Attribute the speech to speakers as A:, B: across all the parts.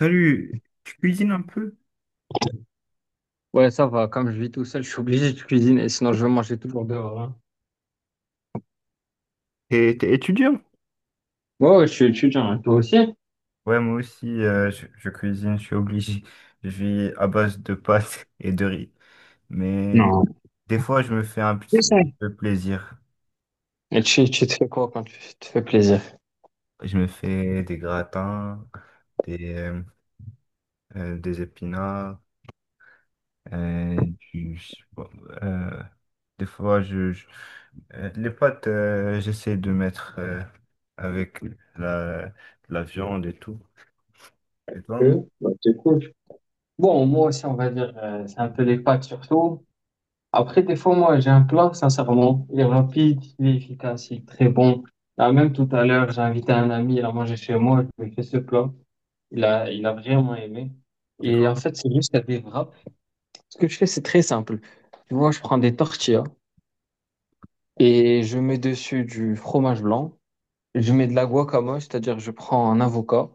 A: Salut, tu cuisines un peu?
B: Ouais, ça va. Comme je vis tout seul, je suis obligé de cuisiner, sinon je vais manger toujours dehors, hein.
A: T'es, t'es étudiant?
B: Ouais, ouais, je suis étudiant, hein. Toi aussi?
A: Ouais, moi aussi, je cuisine, je suis obligé. Je vis à base de pâtes et de riz. Mais
B: Non,
A: des fois, je me fais un
B: c'est
A: petit
B: ça.
A: peu plaisir.
B: Et tu te fais quoi quand tu te fais plaisir?
A: Je me fais des gratins, des, euh, des épinards, euh, du, je euh, des fois, les pâtes, j'essaie de mettre avec la, la viande et tout. Et toi,
B: Bah, c'est cool. Bon, moi aussi, on va dire, c'est un peu les pâtes surtout. Après, des fois, moi, j'ai un plat, sincèrement. Il est rapide, il est efficace, il est très bon. Là, même tout à l'heure, j'ai invité un ami, il a mangé chez moi, je lui ai fait ce plat. Il a vraiment aimé.
A: c'est
B: Et en
A: quoi?
B: fait, c'est juste à des wraps. Ce que je fais, c'est très simple. Tu vois, je prends des tortillas. Et je mets dessus du fromage blanc. Je mets de la guacamole, c'est-à-dire je prends un avocat,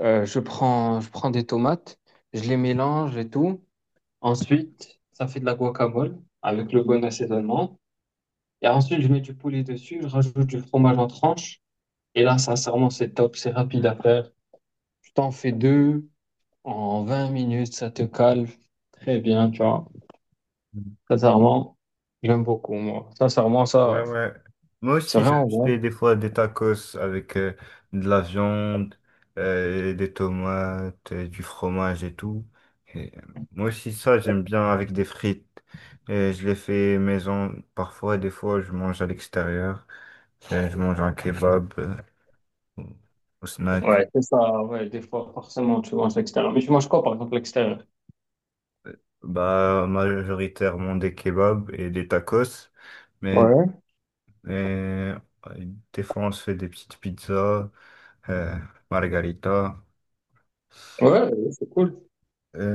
B: je prends des tomates, je les mélange et tout. Ensuite, ça fait de la guacamole avec le bon assaisonnement. Et ensuite, je mets du poulet dessus, je rajoute du fromage en tranche. Et là, sincèrement, c'est top, c'est rapide à faire. Tu t'en fais deux en 20 minutes, ça te calme. Très bien, tu vois. Sincèrement, j'aime beaucoup, moi. Sincèrement,
A: Ouais,
B: ça,
A: ouais. Moi
B: c'est
A: aussi, je
B: vraiment
A: je fais
B: bon.
A: des fois des tacos avec de la viande, des tomates, du fromage et tout. Et, euh, Moi aussi, ça, j'aime bien avec des frites. Et je les fais maison parfois, des fois, je mange à l'extérieur. Je mange un kebab au au snack.
B: Ouais, c'est ça, ouais, des fois, forcément, tu manges l'extérieur. Mais tu manges quoi, par exemple, l'extérieur?
A: Bah, majoritairement des kebabs et des tacos. Mais
B: Ouais,
A: euh, des fois, on se fait des petites pizzas, euh, margarita.
B: ouais, c'est cool.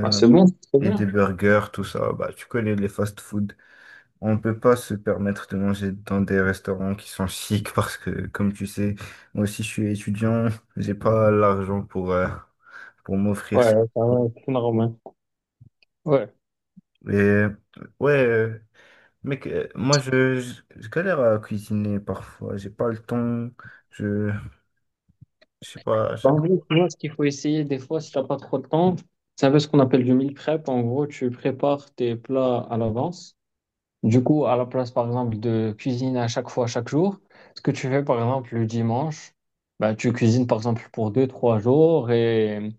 B: Ah, c'est bon, c'est
A: et des
B: bien.
A: burgers, tout ça. Bah, tu connais les fast-food. On ne peut pas se permettre de manger dans des restaurants qui sont chics parce que, comme tu sais, moi aussi je suis étudiant, j'ai pas l'argent pour m'offrir
B: Ouais,
A: ces
B: ça va,
A: trucs.
B: c'est normal. Ouais.
A: Et ouais, mec, moi je galère à cuisiner parfois, j'ai pas le temps, je, je sais pas, à
B: Bah, en
A: chaque
B: gros,
A: fois.
B: tu ce qu'il faut essayer des fois, si t'as pas trop de temps, c'est un peu ce qu'on appelle du meal prep. En gros, tu prépares tes plats à l'avance. Du coup, à la place, par exemple, de cuisiner à chaque fois, chaque jour, ce que tu fais, par exemple, le dimanche, bah, tu cuisines, par exemple, pour 2, 3 jours et,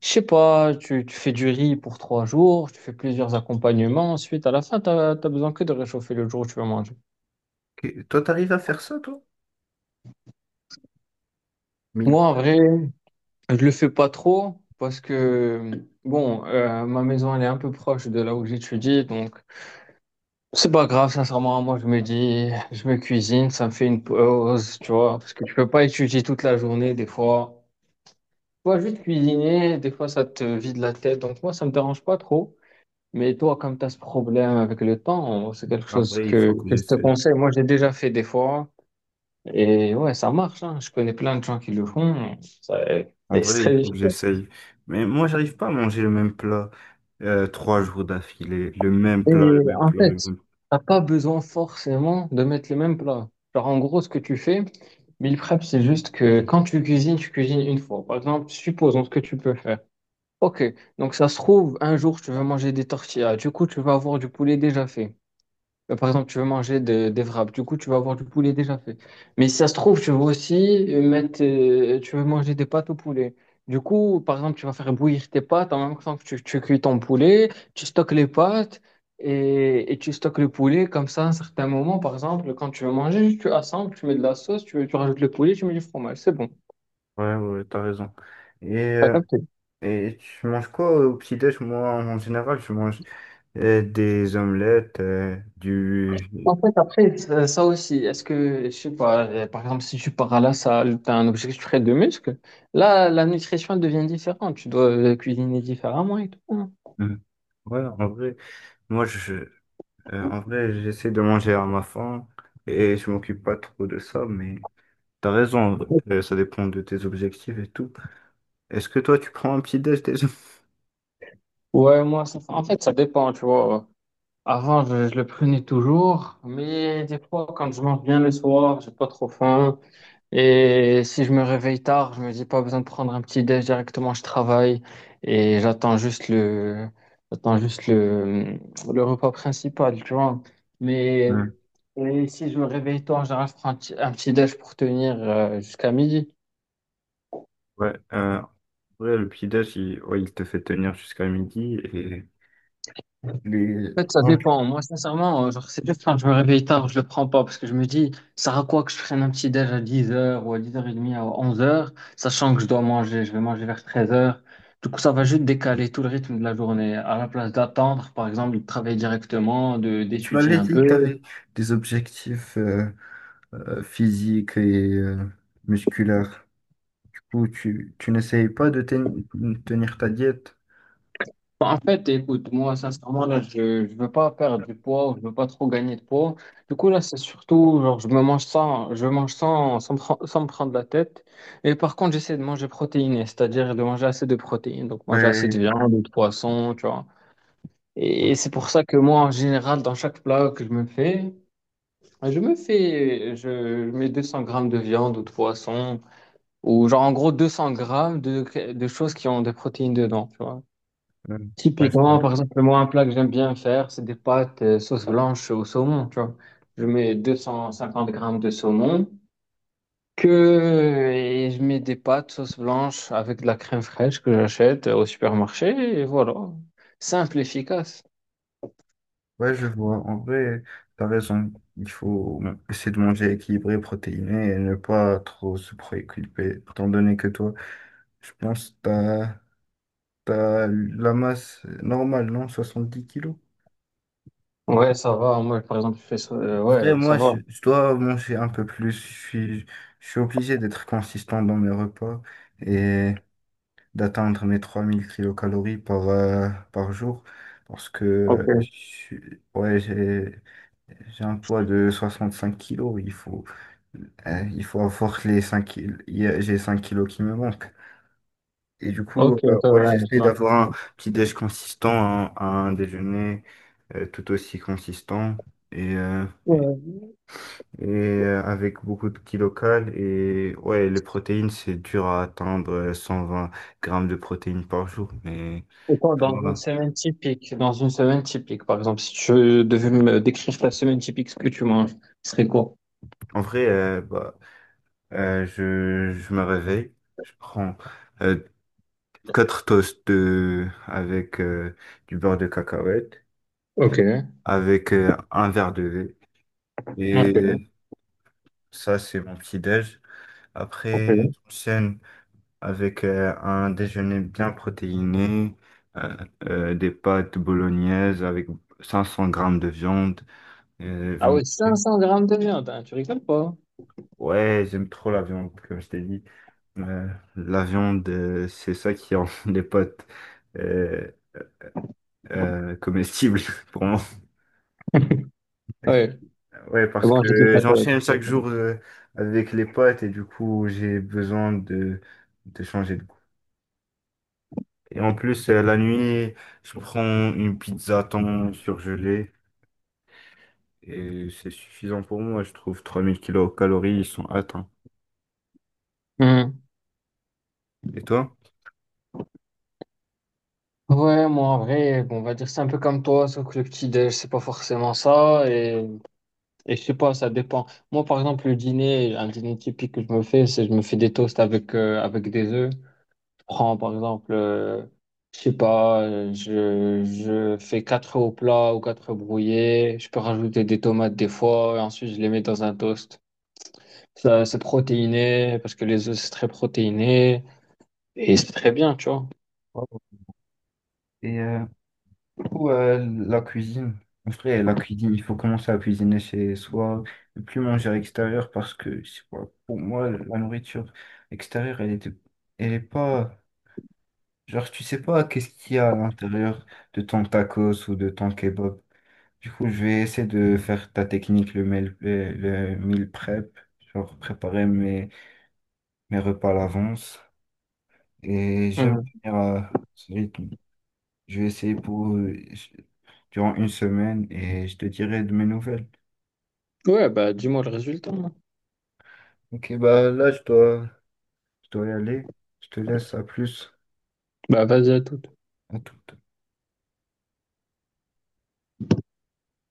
B: je sais pas, tu fais du riz pour 3 jours, tu fais plusieurs accompagnements. Ensuite, à la fin, t'as besoin que de réchauffer le jour où tu vas manger.
A: Ok, toi, t'arrives à faire ça, toi? Mille.
B: Moi, en vrai, je, le fais pas trop parce que, bon, ma maison, elle est un peu proche de là où j'étudie, donc c'est pas grave, sincèrement. Moi, je me dis, je me cuisine, ça me fait une pause, tu vois, parce que tu peux pas étudier toute la journée, des fois. Tu vois, juste cuisiner, des fois, ça te vide la tête. Donc, moi, ça me dérange pas trop. Mais toi, comme tu as ce problème avec le temps, c'est quelque
A: En
B: chose
A: vrai, il
B: que,
A: faut que
B: que je te
A: j'essaie.
B: conseille. Moi, j'ai déjà fait des fois. Et ouais, ça marche, hein. Je connais plein de gens qui le font. Ça-
A: En
B: Et c'est
A: vrai, il
B: très
A: faut que
B: difficile.
A: j'essaye. Mais moi, j'arrive pas à manger le même plat trois jours d'affilée. Le même
B: Et
A: plat, le même
B: en
A: plat, le
B: fait,
A: même...
B: t'as pas besoin forcément de mettre les mêmes plats. Genre, en gros, ce que tu fais, meal prep, c'est juste que quand tu cuisines une fois. Par exemple, supposons ce que tu peux faire. Ok, donc ça se trouve, un jour, tu vas manger des tortillas. Du coup, tu vas avoir du poulet déjà fait. Par exemple, tu veux manger des wraps, du coup, tu vas avoir du poulet déjà fait. Mais si ça se trouve, tu veux aussi mettre, tu veux manger des pâtes au poulet. Du coup, par exemple, tu vas faire bouillir tes pâtes en même temps que tu cuis ton poulet, tu stockes les pâtes et tu stockes le poulet. Comme ça, à un certain moment, par exemple, quand tu veux manger, tu assembles, tu mets de la sauce, tu rajoutes le poulet, tu mets du fromage. C'est bon.
A: Ouais, ouais, t'as raison. Et, euh, et tu manges quoi au petit-déj? Moi, en général, je mange des omelettes, du...
B: En fait, après, ça aussi, est-ce que, je sais pas, par exemple, si tu pars à la salle, tu as un objectif très de muscle, là, la nutrition elle devient différente. Tu dois cuisiner différemment et tout, hein.
A: Mm. Ouais, en vrai, moi, je, en vrai, j'essaie de manger à ma faim et je m'occupe pas trop de ça, mais t'as raison, ça dépend de tes objectifs et tout. Est-ce que toi, tu prends un petit-déj déjà?
B: Ouais, moi, en fait, ça dépend, tu vois. Avant, je le prenais toujours, mais des fois, quand je mange bien le soir, j'ai pas trop faim. Et si je me réveille tard, je me dis pas besoin de prendre un petit déj directement, je travaille et j'attends juste le, le repas principal, tu vois. Mais
A: Mm.
B: et si je me réveille tard, en général, je prends un petit déj pour tenir jusqu'à midi.
A: Ouais, euh, Ouais, le petit-déj, il, ouais, il te fait tenir jusqu'à midi et les...
B: En fait, ça
A: Ah,
B: dépend. Moi, sincèrement, genre, c'est juste quand je me réveille tard, je le prends pas parce que je me dis, ça sert à quoi que je prenne un petit déj à 10h ou à 10h30 à 11h, sachant que je dois manger, je vais manger vers 13h. Du coup, ça va juste décaler tout le rythme de la journée. À la place d'attendre, par exemple, de travailler directement, de
A: tu
B: d'étudier
A: m'avais
B: un
A: dit que
B: peu.
A: tu avais des objectifs physiques et musculaires. Du coup, tu n'essayes pas de tenir ta diète?
B: Bon, en fait, écoute, moi, sincèrement, là, je ne veux pas perdre du poids, je veux pas trop gagner de poids. Du coup, là, c'est surtout, genre, je mange sans me prendre la tête. Et par contre, j'essaie de manger protéiné, c'est-à-dire de manger assez de protéines. Donc, manger assez de
A: Ouais,
B: viande ou de poisson, tu vois. Et,
A: ouais,
B: c'est pour ça que moi, en général, dans chaque plat que je me fais, je mets 200 grammes de viande ou de poisson, ou genre, en gros, 200 grammes de choses qui ont des protéines dedans, tu vois.
A: ouais, ouais, je vois.
B: Typiquement, par exemple, moi, un plat que j'aime bien faire, c'est des pâtes sauce blanche au saumon, tu vois. Je mets 250 grammes de saumon, et je mets des pâtes sauce blanche avec de la crème fraîche que j'achète au supermarché, et voilà. Simple, efficace.
A: Ouais, je vois. En vrai, t'as raison. Il faut essayer de manger équilibré, protéiné et ne pas trop se préoccuper, étant donné que toi, je pense que t'as as, la masse normale, non? 70 kilos?
B: Ouais, ça va. Moi, par exemple, je fais ça.
A: Après,
B: Ouais, ça va.
A: je dois manger un peu plus. Je suis obligé d'être consistant dans mes repas et d'atteindre mes 3000 kilocalories par, par jour parce que
B: Ok.
A: ouais, j'ai un poids de 65 kilos. Il faut avoir les 5 kilos. J'ai 5 kilos qui me manquent. Et du
B: Ok,
A: coup,
B: ça
A: ouais,
B: va, je
A: j'essaie
B: vois.
A: d'avoir un petit déj consistant, un déjeuner tout aussi consistant. Et, euh,
B: Ouais.
A: Avec beaucoup de qui local. Et ouais, les protéines, c'est dur à atteindre 120 grammes de protéines par jour. Mais
B: Et toi, dans une
A: voilà.
B: semaine typique, dans une semaine typique, par exemple, si tu devais me décrire ta semaine typique, ce que tu manges, ce serait quoi?
A: En vrai, je me réveille, je prends euh, 4 toasts avec du beurre de cacahuète,
B: Ok.
A: avec un verre de lait.
B: Ok.
A: Et ça, c'est mon petit-déj. Après,
B: C'est bon.
A: j'enchaîne avec un déjeuner bien protéiné, euh, des pâtes bolognaises avec 500 grammes de viande,
B: Ah
A: viande
B: ouais,
A: hachée.
B: 500 grammes de viande, hein, tu rigoles pas?
A: Ouais, j'aime trop la viande, comme je t'ai dit. Euh, la viande, c'est ça qui rend les pâtes euh, comestibles pour moi.
B: Ouais.
A: Ouais, parce
B: Bon, je sais
A: que
B: pas toi. Je sais
A: j'enchaîne
B: pas,
A: chaque
B: toi.
A: jour avec les pâtes et du coup, j'ai besoin de changer de goût. Et en plus, la nuit, je prends une pizza thon surgelée. Et c'est suffisant pour moi, je trouve. 3000 kilocalories, ils sont atteints.
B: Hmm.
A: Et toi?
B: Ouais, moi en vrai, bon, on va dire c'est un peu comme toi, sauf que le petit déj, c'est pas forcément ça. Et je sais pas, ça dépend. Moi, par exemple, le dîner, un dîner typique que je me fais, c'est je me fais des toasts avec des œufs. Je prends, par exemple, je sais pas, je fais quatre œufs au plat ou quatre œufs brouillés. Je peux rajouter des tomates des fois, et ensuite je les mets dans un toast. Ça, c'est protéiné, parce que les œufs, c'est très protéiné, et c'est très bien, tu vois.
A: Ouais. Et pour la cuisine, en vrai, la cuisine, il faut commencer à cuisiner chez soi, ne plus manger à l'extérieur parce que, je sais pas, pour moi, la nourriture extérieure, elle est pas. Genre, tu sais pas qu'est-ce qu'il y a à l'intérieur de ton tacos ou de ton kebab. Du coup, je vais essayer de faire ta technique, le meal prep, genre préparer mes repas à l'avance. Et je vais me
B: Mm.
A: tenir à ce rythme. Je vais essayer pour durant une semaine et je te dirai de mes nouvelles.
B: Ouais, bah dis-moi le résultat, hein.
A: Ok, bah là, je dois y aller. Je te laisse, à plus.
B: Bah vas-y à tout.
A: À tout.